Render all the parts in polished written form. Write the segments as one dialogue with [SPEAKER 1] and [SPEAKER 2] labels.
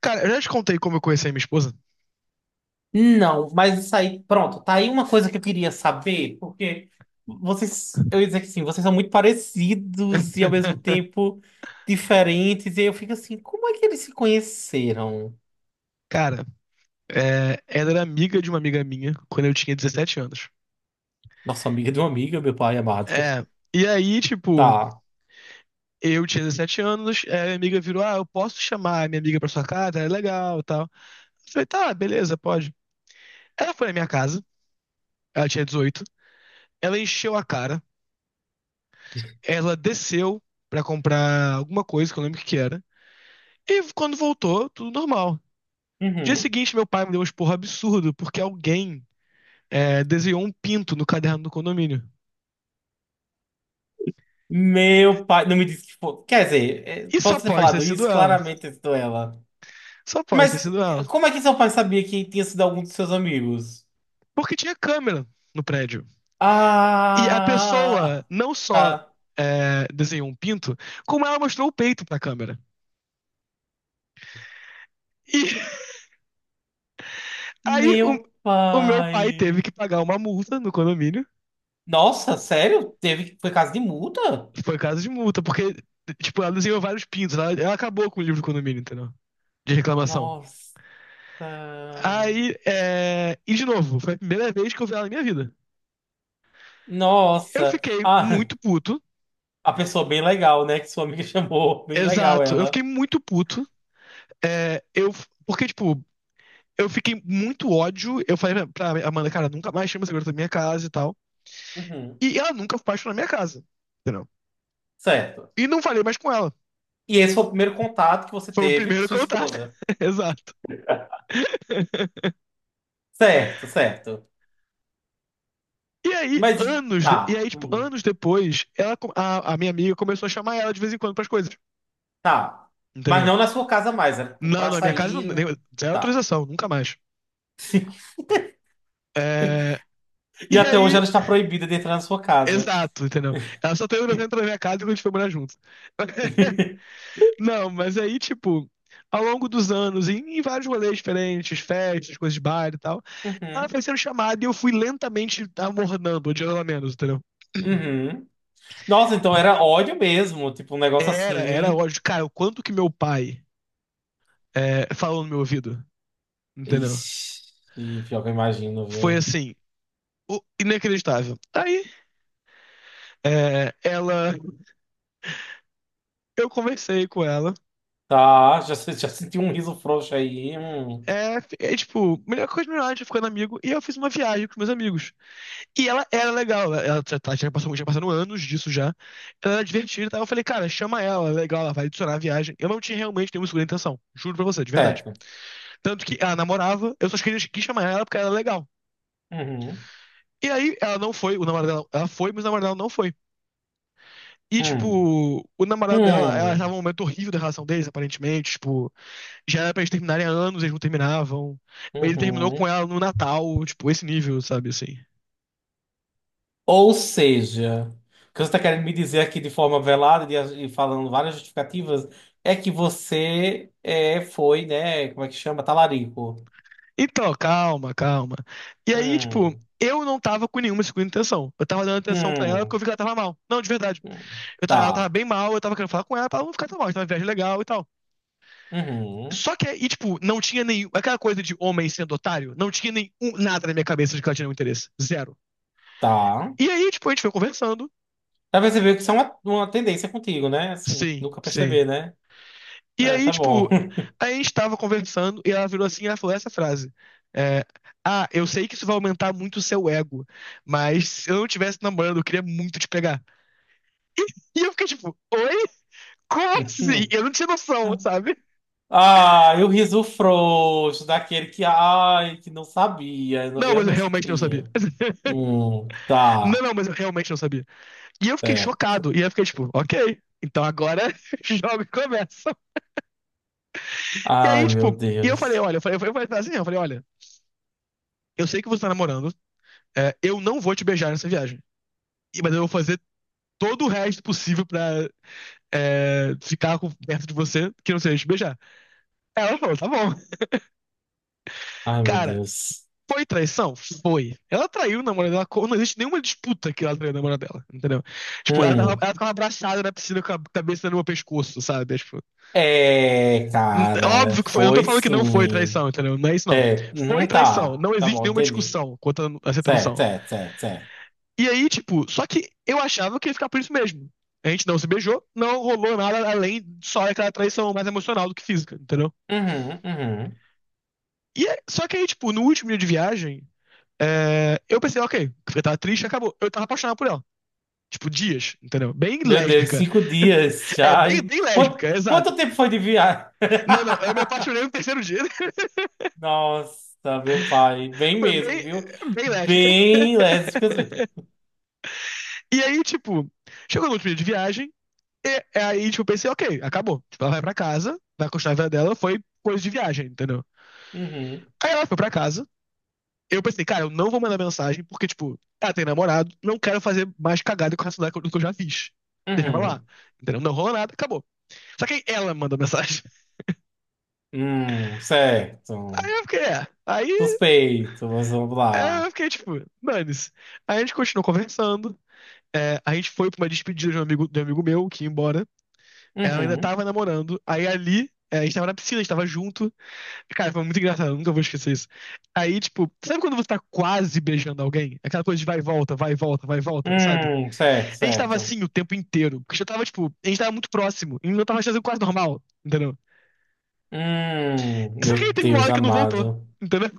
[SPEAKER 1] Cara, eu já te contei como eu conheci a minha esposa.
[SPEAKER 2] Não, mas isso aí, pronto, tá aí uma coisa que eu queria saber, porque vocês, eu ia dizer que sim, vocês são muito parecidos e ao mesmo tempo diferentes, e aí eu fico assim, como é que eles se conheceram?
[SPEAKER 1] Cara, ela era amiga de uma amiga minha quando eu tinha 17 anos.
[SPEAKER 2] Nossa amiga de uma amiga, meu pai amado.
[SPEAKER 1] É, e aí, tipo,
[SPEAKER 2] Tá.
[SPEAKER 1] eu tinha 17 anos, minha amiga virou: ah, eu posso chamar a minha amiga pra sua casa, é legal e tal. Eu falei: tá, beleza, pode. Ela foi na minha casa, ela tinha 18, ela encheu a cara, ela desceu pra comprar alguma coisa, que eu não lembro o que que era. E quando voltou, tudo normal. Dia
[SPEAKER 2] Uhum.
[SPEAKER 1] seguinte, meu pai me deu um esporro absurdo, porque alguém, desenhou um pinto no caderno do condomínio.
[SPEAKER 2] Meu pai, não me disse que foi. Quer dizer,
[SPEAKER 1] E só
[SPEAKER 2] posso ter
[SPEAKER 1] pode ter
[SPEAKER 2] falado
[SPEAKER 1] sido
[SPEAKER 2] isso?
[SPEAKER 1] ela.
[SPEAKER 2] Claramente eu sou ela.
[SPEAKER 1] Só pode ter
[SPEAKER 2] Mas
[SPEAKER 1] sido ela.
[SPEAKER 2] como é que seu pai sabia que tinha sido algum dos seus amigos?
[SPEAKER 1] Porque tinha câmera no prédio. E a pessoa
[SPEAKER 2] Ah!
[SPEAKER 1] não só,
[SPEAKER 2] Tá.
[SPEAKER 1] desenhou um pinto, como ela mostrou o peito pra câmera. E aí o,
[SPEAKER 2] Meu
[SPEAKER 1] o meu pai teve
[SPEAKER 2] pai.
[SPEAKER 1] que pagar uma multa no condomínio.
[SPEAKER 2] Nossa, sério? Teve, foi caso de multa?
[SPEAKER 1] Foi caso de multa, porque, tipo, ela desenhou vários pintos. Ela acabou com o livro do condomínio, entendeu? De reclamação.
[SPEAKER 2] Nossa.
[SPEAKER 1] Aí, e de novo, foi a primeira vez que eu vi ela na minha vida. Eu
[SPEAKER 2] Nossa.
[SPEAKER 1] fiquei
[SPEAKER 2] Ah,
[SPEAKER 1] muito puto.
[SPEAKER 2] a pessoa bem legal, né? Que sua amiga chamou. Bem legal
[SPEAKER 1] Exato. Eu fiquei
[SPEAKER 2] ela.
[SPEAKER 1] muito puto. É, eu, porque, tipo, eu fiquei muito ódio. Eu falei pra Amanda: cara, nunca mais chama segurança da minha casa e tal.
[SPEAKER 2] Uhum.
[SPEAKER 1] E ela nunca baixou na minha casa. Entendeu?
[SPEAKER 2] Certo.
[SPEAKER 1] E não falei mais com ela.
[SPEAKER 2] E esse foi o primeiro contato que você
[SPEAKER 1] Foi o
[SPEAKER 2] teve com
[SPEAKER 1] primeiro
[SPEAKER 2] sua
[SPEAKER 1] contato.
[SPEAKER 2] esposa.
[SPEAKER 1] Exato.
[SPEAKER 2] Certo, certo.
[SPEAKER 1] E aí,
[SPEAKER 2] Mas
[SPEAKER 1] anos,
[SPEAKER 2] tá.
[SPEAKER 1] anos depois, ela, a minha amiga começou a chamar ela de vez em quando pras coisas.
[SPEAKER 2] Tá. Mas
[SPEAKER 1] Entendeu?
[SPEAKER 2] não na sua casa mais, era
[SPEAKER 1] Não,
[SPEAKER 2] pra
[SPEAKER 1] não, minha casa não,
[SPEAKER 2] sair, né?
[SPEAKER 1] zero
[SPEAKER 2] Tá.
[SPEAKER 1] autorização, nunca mais. É,
[SPEAKER 2] E
[SPEAKER 1] e
[SPEAKER 2] até hoje
[SPEAKER 1] aí,
[SPEAKER 2] ela está proibida de entrar na sua casa.
[SPEAKER 1] exato, entendeu? Ela só tem autorização pra entrar na minha casa quando a gente foi morar junto. Não, mas aí, tipo, ao longo dos anos, em vários rolês diferentes, festas, coisas de bar e tal, ela
[SPEAKER 2] Uhum.
[SPEAKER 1] foi sendo chamada e eu fui lentamente amornando, odiando ela menos, entendeu?
[SPEAKER 2] Uhum. Nossa, então era ódio mesmo, tipo um negócio
[SPEAKER 1] Era
[SPEAKER 2] assim.
[SPEAKER 1] ódio. Cara, o quanto que meu pai, falou no meu ouvido, entendeu?
[SPEAKER 2] Ixi, pior que eu imagino,
[SPEAKER 1] Foi
[SPEAKER 2] viu?
[SPEAKER 1] assim, inacreditável. Tá. Aí, ela, eu conversei com ela.
[SPEAKER 2] Tá, já, já senti um riso frouxo aí. Hum.
[SPEAKER 1] É tipo, melhor coisa melhor, a gente ficando amigo. E eu fiz uma viagem com os meus amigos. E ela era legal, ela já, já passou, já passaram anos disso já. Ela era divertida, e eu falei: cara, chama ela, é legal, ela vai adicionar a viagem. Eu não tinha realmente nenhuma segunda intenção, juro pra você, de verdade.
[SPEAKER 2] Certo.
[SPEAKER 1] Tanto que ela namorava, eu só queria quis chamar ela porque ela era legal.
[SPEAKER 2] Uhum.
[SPEAKER 1] E aí ela não foi, o namorado dela, ela foi, mas o namorado dela não foi. E,
[SPEAKER 2] Hum.
[SPEAKER 1] tipo, o namorado dela, ela tava
[SPEAKER 2] Hum.
[SPEAKER 1] num momento horrível da relação deles, aparentemente. Tipo, já era pra eles terminarem há anos, eles não terminavam. Ele terminou
[SPEAKER 2] Uhum.
[SPEAKER 1] com ela no Natal, tipo, esse nível, sabe, assim.
[SPEAKER 2] Ou seja, o que você está querendo me dizer aqui de forma velada e falando várias justificativas é que você é, foi, né? Como é que chama? Talarico.
[SPEAKER 1] Então, calma, calma. E aí, tipo,
[SPEAKER 2] Hum.
[SPEAKER 1] eu não tava com nenhuma segunda intenção. Eu tava dando atenção pra ela porque eu
[SPEAKER 2] Hum.
[SPEAKER 1] vi que ela tava mal. Não, de verdade.
[SPEAKER 2] Hum.
[SPEAKER 1] Ela tava
[SPEAKER 2] Tá.
[SPEAKER 1] bem mal, eu tava querendo falar com ela pra ela não ficar tão mal. Tava uma viagem legal e tal.
[SPEAKER 2] Uhum.
[SPEAKER 1] Só que, tipo, não tinha nenhum. Aquela coisa de homem sendo otário, não tinha nada na minha cabeça de que ela tinha nenhum interesse. Zero.
[SPEAKER 2] Tá.
[SPEAKER 1] E aí, tipo, a gente foi conversando.
[SPEAKER 2] Já percebeu que isso é uma tendência contigo, né? Assim,
[SPEAKER 1] Sim,
[SPEAKER 2] nunca
[SPEAKER 1] sim.
[SPEAKER 2] perceber, né?
[SPEAKER 1] E
[SPEAKER 2] É,
[SPEAKER 1] aí,
[SPEAKER 2] tá bom.
[SPEAKER 1] tipo, a gente tava conversando e ela virou assim e ela falou essa frase. É, ah, eu sei que isso vai aumentar muito o seu ego, mas se eu não tivesse namorando, eu queria muito te pegar. E eu fiquei tipo: oi? Como assim? Eu não tinha noção, sabe?
[SPEAKER 2] Ah, e o riso frouxo daquele que, ai, que não sabia. Eu não,
[SPEAKER 1] Não,
[SPEAKER 2] eu
[SPEAKER 1] mas eu
[SPEAKER 2] não
[SPEAKER 1] realmente não sabia.
[SPEAKER 2] sabia.
[SPEAKER 1] Não,
[SPEAKER 2] Tá,
[SPEAKER 1] não, mas eu realmente não sabia. E eu fiquei
[SPEAKER 2] certo.
[SPEAKER 1] chocado. E eu fiquei tipo: ok, então agora jogo e começa. E aí,
[SPEAKER 2] Ai,
[SPEAKER 1] tipo,
[SPEAKER 2] meu
[SPEAKER 1] eu falei:
[SPEAKER 2] Deus.
[SPEAKER 1] olha, eu falei assim, eu falei, olha, eu sei que você tá namorando, eu não vou te beijar nessa viagem. Mas eu vou fazer todo o resto possível pra, ficar perto de você, que não seja te beijar. Ela falou: tá bom.
[SPEAKER 2] Ai, meu
[SPEAKER 1] Cara,
[SPEAKER 2] Deus.
[SPEAKER 1] foi traição? Foi. Ela traiu o namorado dela, não existe nenhuma disputa que ela traiu o namorado dela, entendeu? Tipo,
[SPEAKER 2] Hum,
[SPEAKER 1] ela tava abraçada na piscina com a cabeça no meu pescoço, sabe? É. Tipo, é
[SPEAKER 2] cara,
[SPEAKER 1] óbvio que foi, eu não tô
[SPEAKER 2] foi
[SPEAKER 1] falando que não foi
[SPEAKER 2] sim.
[SPEAKER 1] traição, entendeu? Não é isso não.
[SPEAKER 2] É,
[SPEAKER 1] Foi traição,
[SPEAKER 2] tá.
[SPEAKER 1] não
[SPEAKER 2] Tá
[SPEAKER 1] existe
[SPEAKER 2] bom,
[SPEAKER 1] nenhuma
[SPEAKER 2] entendi.
[SPEAKER 1] discussão quanto a essa
[SPEAKER 2] Certo,
[SPEAKER 1] tradução.
[SPEAKER 2] certo, certo, certo.
[SPEAKER 1] E aí, tipo, só que eu achava que ia ficar por isso mesmo. A gente não se beijou, não rolou nada além de só aquela traição mais emocional do que física, entendeu?
[SPEAKER 2] Uhum, uhum.
[SPEAKER 1] Só que aí, tipo, no último dia de viagem, eu pensei: ok, eu tava triste, acabou. Eu tava apaixonado por ela. Tipo, dias, entendeu? Bem
[SPEAKER 2] Meu Deus,
[SPEAKER 1] lésbica.
[SPEAKER 2] cinco dias já. E
[SPEAKER 1] Bem
[SPEAKER 2] Quanto,
[SPEAKER 1] lésbica,
[SPEAKER 2] quanto
[SPEAKER 1] exato.
[SPEAKER 2] tempo foi de viagem?
[SPEAKER 1] Não, não, eu me apaixonei no terceiro dia.
[SPEAKER 2] Nossa, meu pai. Bem
[SPEAKER 1] Foi
[SPEAKER 2] mesmo,
[SPEAKER 1] bem,
[SPEAKER 2] viu?
[SPEAKER 1] bem lésbica.
[SPEAKER 2] Bem lésbicas mesmo.
[SPEAKER 1] E aí, tipo, chegou no último dia de viagem. Aí, tipo, eu pensei: ok, acabou. Tipo, ela vai pra casa, vai continuar a vida dela, foi coisa de viagem, entendeu?
[SPEAKER 2] Uhum,
[SPEAKER 1] Aí ela foi pra casa, eu pensei: cara, eu não vou mandar mensagem, porque, tipo, ela tem namorado, não quero fazer mais cagada com essa do que eu já fiz. Deixa pra lá,
[SPEAKER 2] uhum.
[SPEAKER 1] entendeu? Não rolou nada, acabou. Só que aí ela mandou mensagem. Aí
[SPEAKER 2] Certo.
[SPEAKER 1] eu fiquei,
[SPEAKER 2] Suspeito, mas vamos lá.
[SPEAKER 1] eu fiquei, tipo, dane-se. Aí a gente continuou conversando, a gente foi pra uma despedida de um amigo meu que ia embora. Ela ainda
[SPEAKER 2] Uhum.
[SPEAKER 1] tava namorando, aí ali, a gente tava na piscina, a gente tava junto. Cara, foi muito engraçado, eu nunca vou esquecer isso. Aí, tipo, sabe quando você tá quase beijando alguém? Aquela coisa de vai e volta, vai e volta, vai e volta, sabe?
[SPEAKER 2] Certo,
[SPEAKER 1] A gente tava
[SPEAKER 2] certo.
[SPEAKER 1] assim o tempo inteiro, porque já tava, tipo, a gente tava muito próximo, e eu tava fazendo quase normal, entendeu? Só
[SPEAKER 2] Meu
[SPEAKER 1] que aí teve uma
[SPEAKER 2] Deus
[SPEAKER 1] hora que não voltou,
[SPEAKER 2] amado.
[SPEAKER 1] entendeu?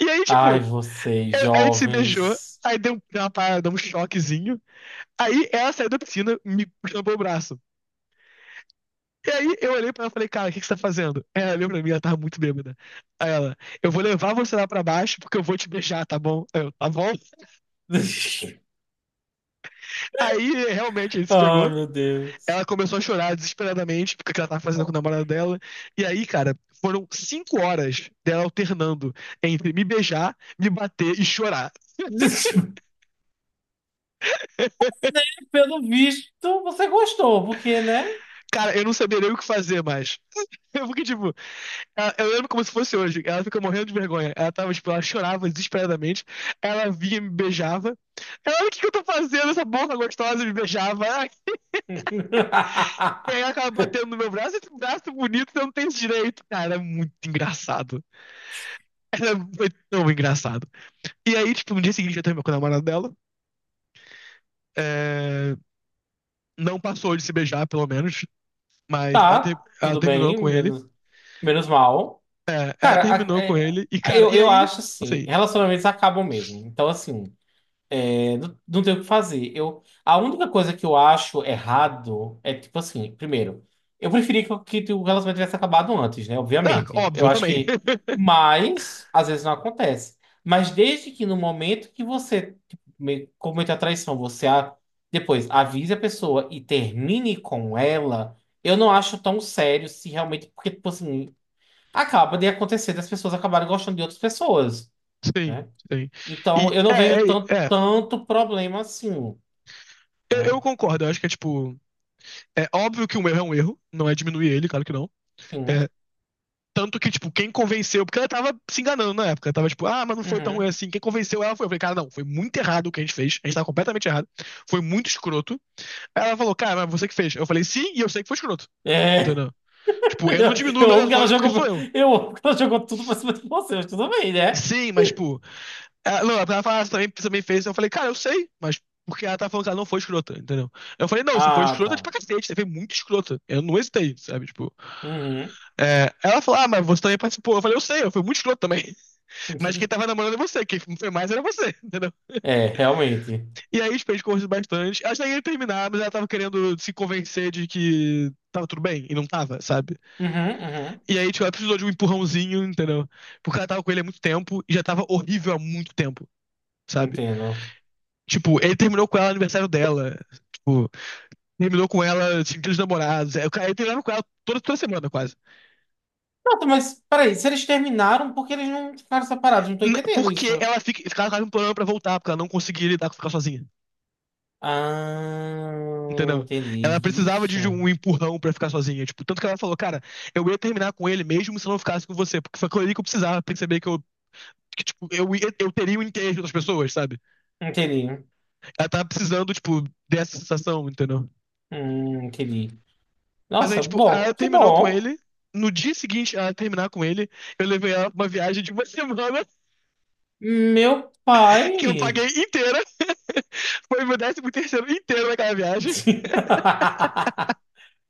[SPEAKER 1] E aí, tipo,
[SPEAKER 2] Ai, vocês,
[SPEAKER 1] a gente se beijou,
[SPEAKER 2] jovens.
[SPEAKER 1] aí deu uma parada, deu um choquezinho, aí ela saiu da piscina, me puxando pelo braço. E aí eu olhei pra ela e falei: cara, o que que você tá fazendo? Aí ela olhou pra mim, ela tava muito bêbada. Aí ela: eu vou levar você lá pra baixo porque eu vou te beijar, tá bom? Aí eu: tá bom? Aí realmente ele se
[SPEAKER 2] Ai,
[SPEAKER 1] pegou.
[SPEAKER 2] meu Deus.
[SPEAKER 1] Ela começou a chorar desesperadamente porque ela tava fazendo com o namorado dela. E aí, cara, foram cinco horas dela alternando entre me beijar, me bater e chorar.
[SPEAKER 2] Pelo visto, você gostou, porque, né?
[SPEAKER 1] Cara, eu não sabia nem o que fazer mais. Eu fiquei tipo, eu lembro como se fosse hoje. Ela fica morrendo de vergonha. Ela chorava desesperadamente. Ela vinha e me beijava. Ela: o que que eu tô fazendo? Essa boca gostosa me beijava. Ah, e aí ela acaba batendo no meu braço, esse braço bonito, eu não tenho esse direito. Cara, é muito engraçado. Era muito tão engraçado. E aí, tipo, no dia seguinte ela terminou com a namorada dela. É, Não passou de se beijar, pelo menos. Mas ela,
[SPEAKER 2] Tá,
[SPEAKER 1] ela
[SPEAKER 2] tudo
[SPEAKER 1] terminou
[SPEAKER 2] bem,
[SPEAKER 1] com ele.
[SPEAKER 2] menos, menos mal.
[SPEAKER 1] É, ela
[SPEAKER 2] Cara,
[SPEAKER 1] terminou com ele. E, cara,
[SPEAKER 2] eu,
[SPEAKER 1] e
[SPEAKER 2] eu
[SPEAKER 1] aí,
[SPEAKER 2] acho assim,
[SPEAKER 1] assim.
[SPEAKER 2] relacionamentos acabam mesmo. Então, assim. É, não tem o que fazer. Eu, a única coisa que eu acho errado é tipo assim, primeiro, eu preferi que o relacionamento tivesse acabado antes, né?
[SPEAKER 1] Ah,
[SPEAKER 2] Obviamente.
[SPEAKER 1] óbvio,
[SPEAKER 2] Eu
[SPEAKER 1] eu
[SPEAKER 2] acho
[SPEAKER 1] também.
[SPEAKER 2] que, mas às vezes não acontece. Mas desde que no momento que você tipo, comete a traição, você depois avise a pessoa e termine com ela, eu não acho tão sério se realmente, porque, tipo assim, acaba de acontecer das pessoas acabarem gostando de outras pessoas.
[SPEAKER 1] Sim,
[SPEAKER 2] Né?
[SPEAKER 1] sim.
[SPEAKER 2] Então,
[SPEAKER 1] E
[SPEAKER 2] eu
[SPEAKER 1] é,
[SPEAKER 2] não vejo tanto,
[SPEAKER 1] é, é.
[SPEAKER 2] tanto problema assim,
[SPEAKER 1] Eu
[SPEAKER 2] né?
[SPEAKER 1] concordo, eu acho que é tipo. É óbvio que um erro é um erro, não é diminuir ele, claro que não.
[SPEAKER 2] Sim.
[SPEAKER 1] É. Tanto que, tipo, quem convenceu, porque ela tava se enganando na época, ela tava tipo: ah, mas não foi tão ruim
[SPEAKER 2] Uhum.
[SPEAKER 1] assim. Quem convenceu ela foi, eu falei: cara, não, foi muito errado o que a gente fez, a gente tava completamente errado, foi muito escroto. Aí ela falou: cara, mas você que fez. Eu falei: sim, e eu sei que foi escroto.
[SPEAKER 2] É,
[SPEAKER 1] Entendeu? Tipo, eu não diminuo
[SPEAKER 2] eu
[SPEAKER 1] meus
[SPEAKER 2] amo que ela
[SPEAKER 1] ações porque sou
[SPEAKER 2] jogou,
[SPEAKER 1] eu.
[SPEAKER 2] eu amo que ela jogou tudo pra cima de você, mas tudo bem, né?
[SPEAKER 1] Sim, mas, tipo, não, ela falou: ah, você também fez. Eu falei: cara, eu sei, mas porque ela tá falando que ela não foi escrota, entendeu? Eu falei: não, você foi
[SPEAKER 2] Ah,
[SPEAKER 1] escrota de
[SPEAKER 2] tá.
[SPEAKER 1] pra cacete, você foi muito escrota. Eu não hesitei, sabe? Tipo,
[SPEAKER 2] Uhum.
[SPEAKER 1] ela falou: ah, mas você também participou. Eu falei: eu sei, eu fui muito escroto também. Mas quem tava namorando é você, quem foi mais era você, entendeu?
[SPEAKER 2] É, realmente.
[SPEAKER 1] E aí os peixes conversam bastante. Acho que ia terminar, mas ela tava querendo se convencer de que tava tudo bem, e não tava, sabe?
[SPEAKER 2] Uhum, uhum.
[SPEAKER 1] E aí, tipo, ela precisou de um empurrãozinho, entendeu? Porque ela tava com ele há muito tempo e já tava horrível há muito tempo, sabe?
[SPEAKER 2] Entendo.
[SPEAKER 1] Tipo, ele terminou com ela no aniversário dela. Tipo, terminou com ela, assim, aqueles namorados. É, ele terminava com ela toda semana, quase.
[SPEAKER 2] Pronto, mas peraí, se eles terminaram, por que eles não ficaram separados? Não tô entendendo
[SPEAKER 1] Porque
[SPEAKER 2] isso.
[SPEAKER 1] ficava quase implorando pra voltar, porque ela não conseguia lidar com ficar sozinha.
[SPEAKER 2] Ah,
[SPEAKER 1] Entendeu? Ela
[SPEAKER 2] entendi.
[SPEAKER 1] precisava
[SPEAKER 2] Ixi.
[SPEAKER 1] de um empurrão pra ficar sozinha. Tipo, tanto que ela falou: cara, eu ia terminar com ele mesmo se eu não ficasse com você. Porque foi aquilo ali que eu precisava perceber que, tipo, eu teria o interesse das pessoas, sabe?
[SPEAKER 2] Entendi.
[SPEAKER 1] Ela tava precisando, tipo, dessa sensação, entendeu?
[SPEAKER 2] Entendi.
[SPEAKER 1] Mas aí,
[SPEAKER 2] Nossa,
[SPEAKER 1] tipo,
[SPEAKER 2] bom,
[SPEAKER 1] ela
[SPEAKER 2] que
[SPEAKER 1] terminou com
[SPEAKER 2] bom.
[SPEAKER 1] ele. No dia seguinte, ela terminar com ele, eu levei ela pra uma viagem de uma semana
[SPEAKER 2] Meu
[SPEAKER 1] que eu
[SPEAKER 2] pai.
[SPEAKER 1] paguei inteira. Foi meu décimo terceiro inteiro naquela viagem.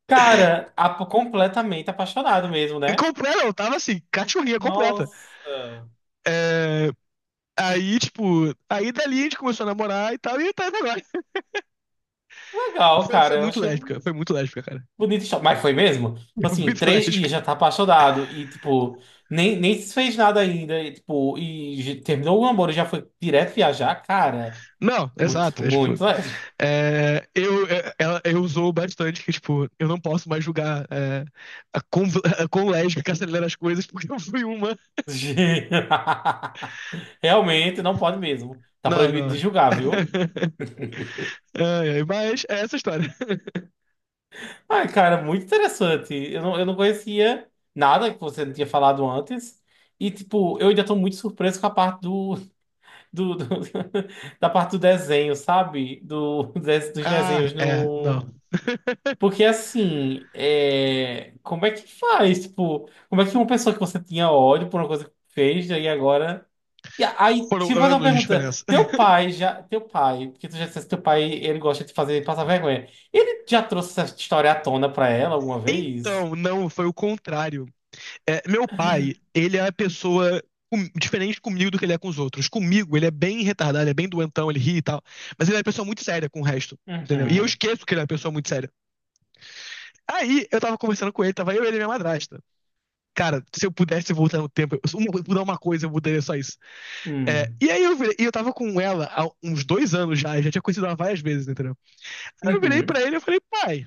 [SPEAKER 2] Cara, completamente apaixonado mesmo, né?
[SPEAKER 1] Completa, eu tava assim, cachorrinha completa.
[SPEAKER 2] Nossa.
[SPEAKER 1] É. Aí, tipo, aí dali a gente começou a namorar e tal, e tá até agora.
[SPEAKER 2] Legal, cara. Eu achei
[SPEAKER 1] Foi muito lésbica, cara.
[SPEAKER 2] bonito. Isso. Mas foi mesmo? Tipo
[SPEAKER 1] Foi
[SPEAKER 2] assim,
[SPEAKER 1] muito
[SPEAKER 2] três
[SPEAKER 1] lésbica.
[SPEAKER 2] dias já tá apaixonado e, tipo, nem se fez nada ainda. E, tipo, terminou o namoro e já foi direto viajar. Cara,
[SPEAKER 1] Não,
[SPEAKER 2] muito,
[SPEAKER 1] exato, é tipo.
[SPEAKER 2] muito lésbico.
[SPEAKER 1] Eu usou bastante que, tipo, eu não posso mais julgar, a quão, a quão lésbica acelera as coisas, porque eu fui uma.
[SPEAKER 2] Realmente, não pode mesmo. Tá
[SPEAKER 1] Não,
[SPEAKER 2] proibido de
[SPEAKER 1] não.
[SPEAKER 2] julgar, viu?
[SPEAKER 1] Ai, ai. Mas é essa a história.
[SPEAKER 2] Ai, cara, muito interessante. Eu não conhecia nada que você não tinha falado antes. E, tipo, eu ainda tô muito surpreso com a parte do, do- da parte do desenho, sabe? Do, dos
[SPEAKER 1] Ah,
[SPEAKER 2] desenhos
[SPEAKER 1] é,
[SPEAKER 2] no.
[SPEAKER 1] não.
[SPEAKER 2] Porque, assim, como é que faz? Tipo, como é que uma pessoa que você tinha ódio por uma coisa que fez, e agora. E aí,
[SPEAKER 1] Foram
[SPEAKER 2] se eu fazer uma
[SPEAKER 1] anos de
[SPEAKER 2] pergunta,
[SPEAKER 1] diferença.
[SPEAKER 2] teu pai já, teu pai, porque tu já disse que teu pai, ele gosta de fazer passar vergonha. Ele já trouxe essa história à tona pra ela alguma vez?
[SPEAKER 1] Então, não, foi o contrário. É, meu pai, ele é a pessoa diferente comigo do que ele é com os outros. Comigo, ele é bem retardado, ele é bem doentão, ele ri e tal. Mas ele é uma pessoa muito séria com o resto, entendeu? E eu
[SPEAKER 2] Uhum.
[SPEAKER 1] esqueço que ele é uma pessoa muito séria. Aí eu tava conversando com ele, tava eu, ele e minha madrasta. Cara, se eu pudesse voltar no tempo, se eu mudar uma coisa, eu mudaria só isso. É,
[SPEAKER 2] Hum.
[SPEAKER 1] e aí eu virei, e eu tava com ela há uns dois anos já, eu já tinha conhecido ela várias vezes, entendeu? Aí eu virei
[SPEAKER 2] Uhum.
[SPEAKER 1] pra ele e eu falei: pai,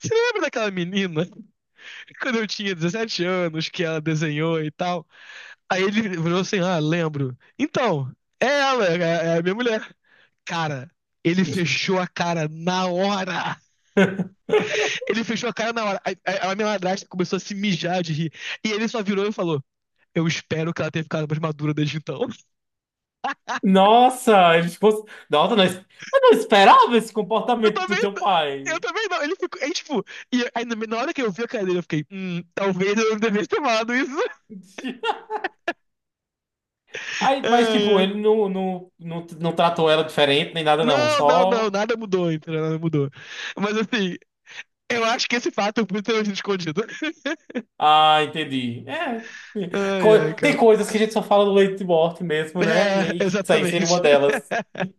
[SPEAKER 1] você lembra daquela menina quando eu tinha 17 anos que ela desenhou e tal? Aí ele virou assim: ah, lembro. Então, é ela, é a minha mulher. Cara, ele fechou a cara na hora. Ele fechou a cara na hora. Aí a minha madrasta começou a se mijar de rir. E ele só virou e falou: eu espero que ela tenha ficado mais madura desde então.
[SPEAKER 2] Nossa, ele ficou. Nossa, não, eu não esperava esse
[SPEAKER 1] Eu
[SPEAKER 2] comportamento do
[SPEAKER 1] também...
[SPEAKER 2] teu
[SPEAKER 1] Eu
[SPEAKER 2] pai.
[SPEAKER 1] também não, ele ficou, aí, tipo, e aí, na hora que eu vi a cara dele, eu fiquei, talvez eu não devesse ter tomado isso.
[SPEAKER 2] Aí, mas,
[SPEAKER 1] Ai,
[SPEAKER 2] tipo,
[SPEAKER 1] ai.
[SPEAKER 2] ele não tratou ela diferente nem nada, não.
[SPEAKER 1] Não, não, não,
[SPEAKER 2] Só.
[SPEAKER 1] nada mudou, entendeu? Nada mudou. Mas assim, eu acho que esse fato é muito escondido.
[SPEAKER 2] Ah, entendi. É.
[SPEAKER 1] Ai, ai,
[SPEAKER 2] Tem
[SPEAKER 1] cara.
[SPEAKER 2] coisas que a gente só fala do leite de morte mesmo, né? E aí,
[SPEAKER 1] É,
[SPEAKER 2] isso aí seria uma
[SPEAKER 1] exatamente.
[SPEAKER 2] delas.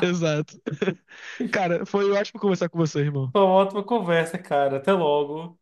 [SPEAKER 1] Exato. Cara, foi ótimo conversar com você, irmão.
[SPEAKER 2] Foi uma ótima conversa, cara. Até logo.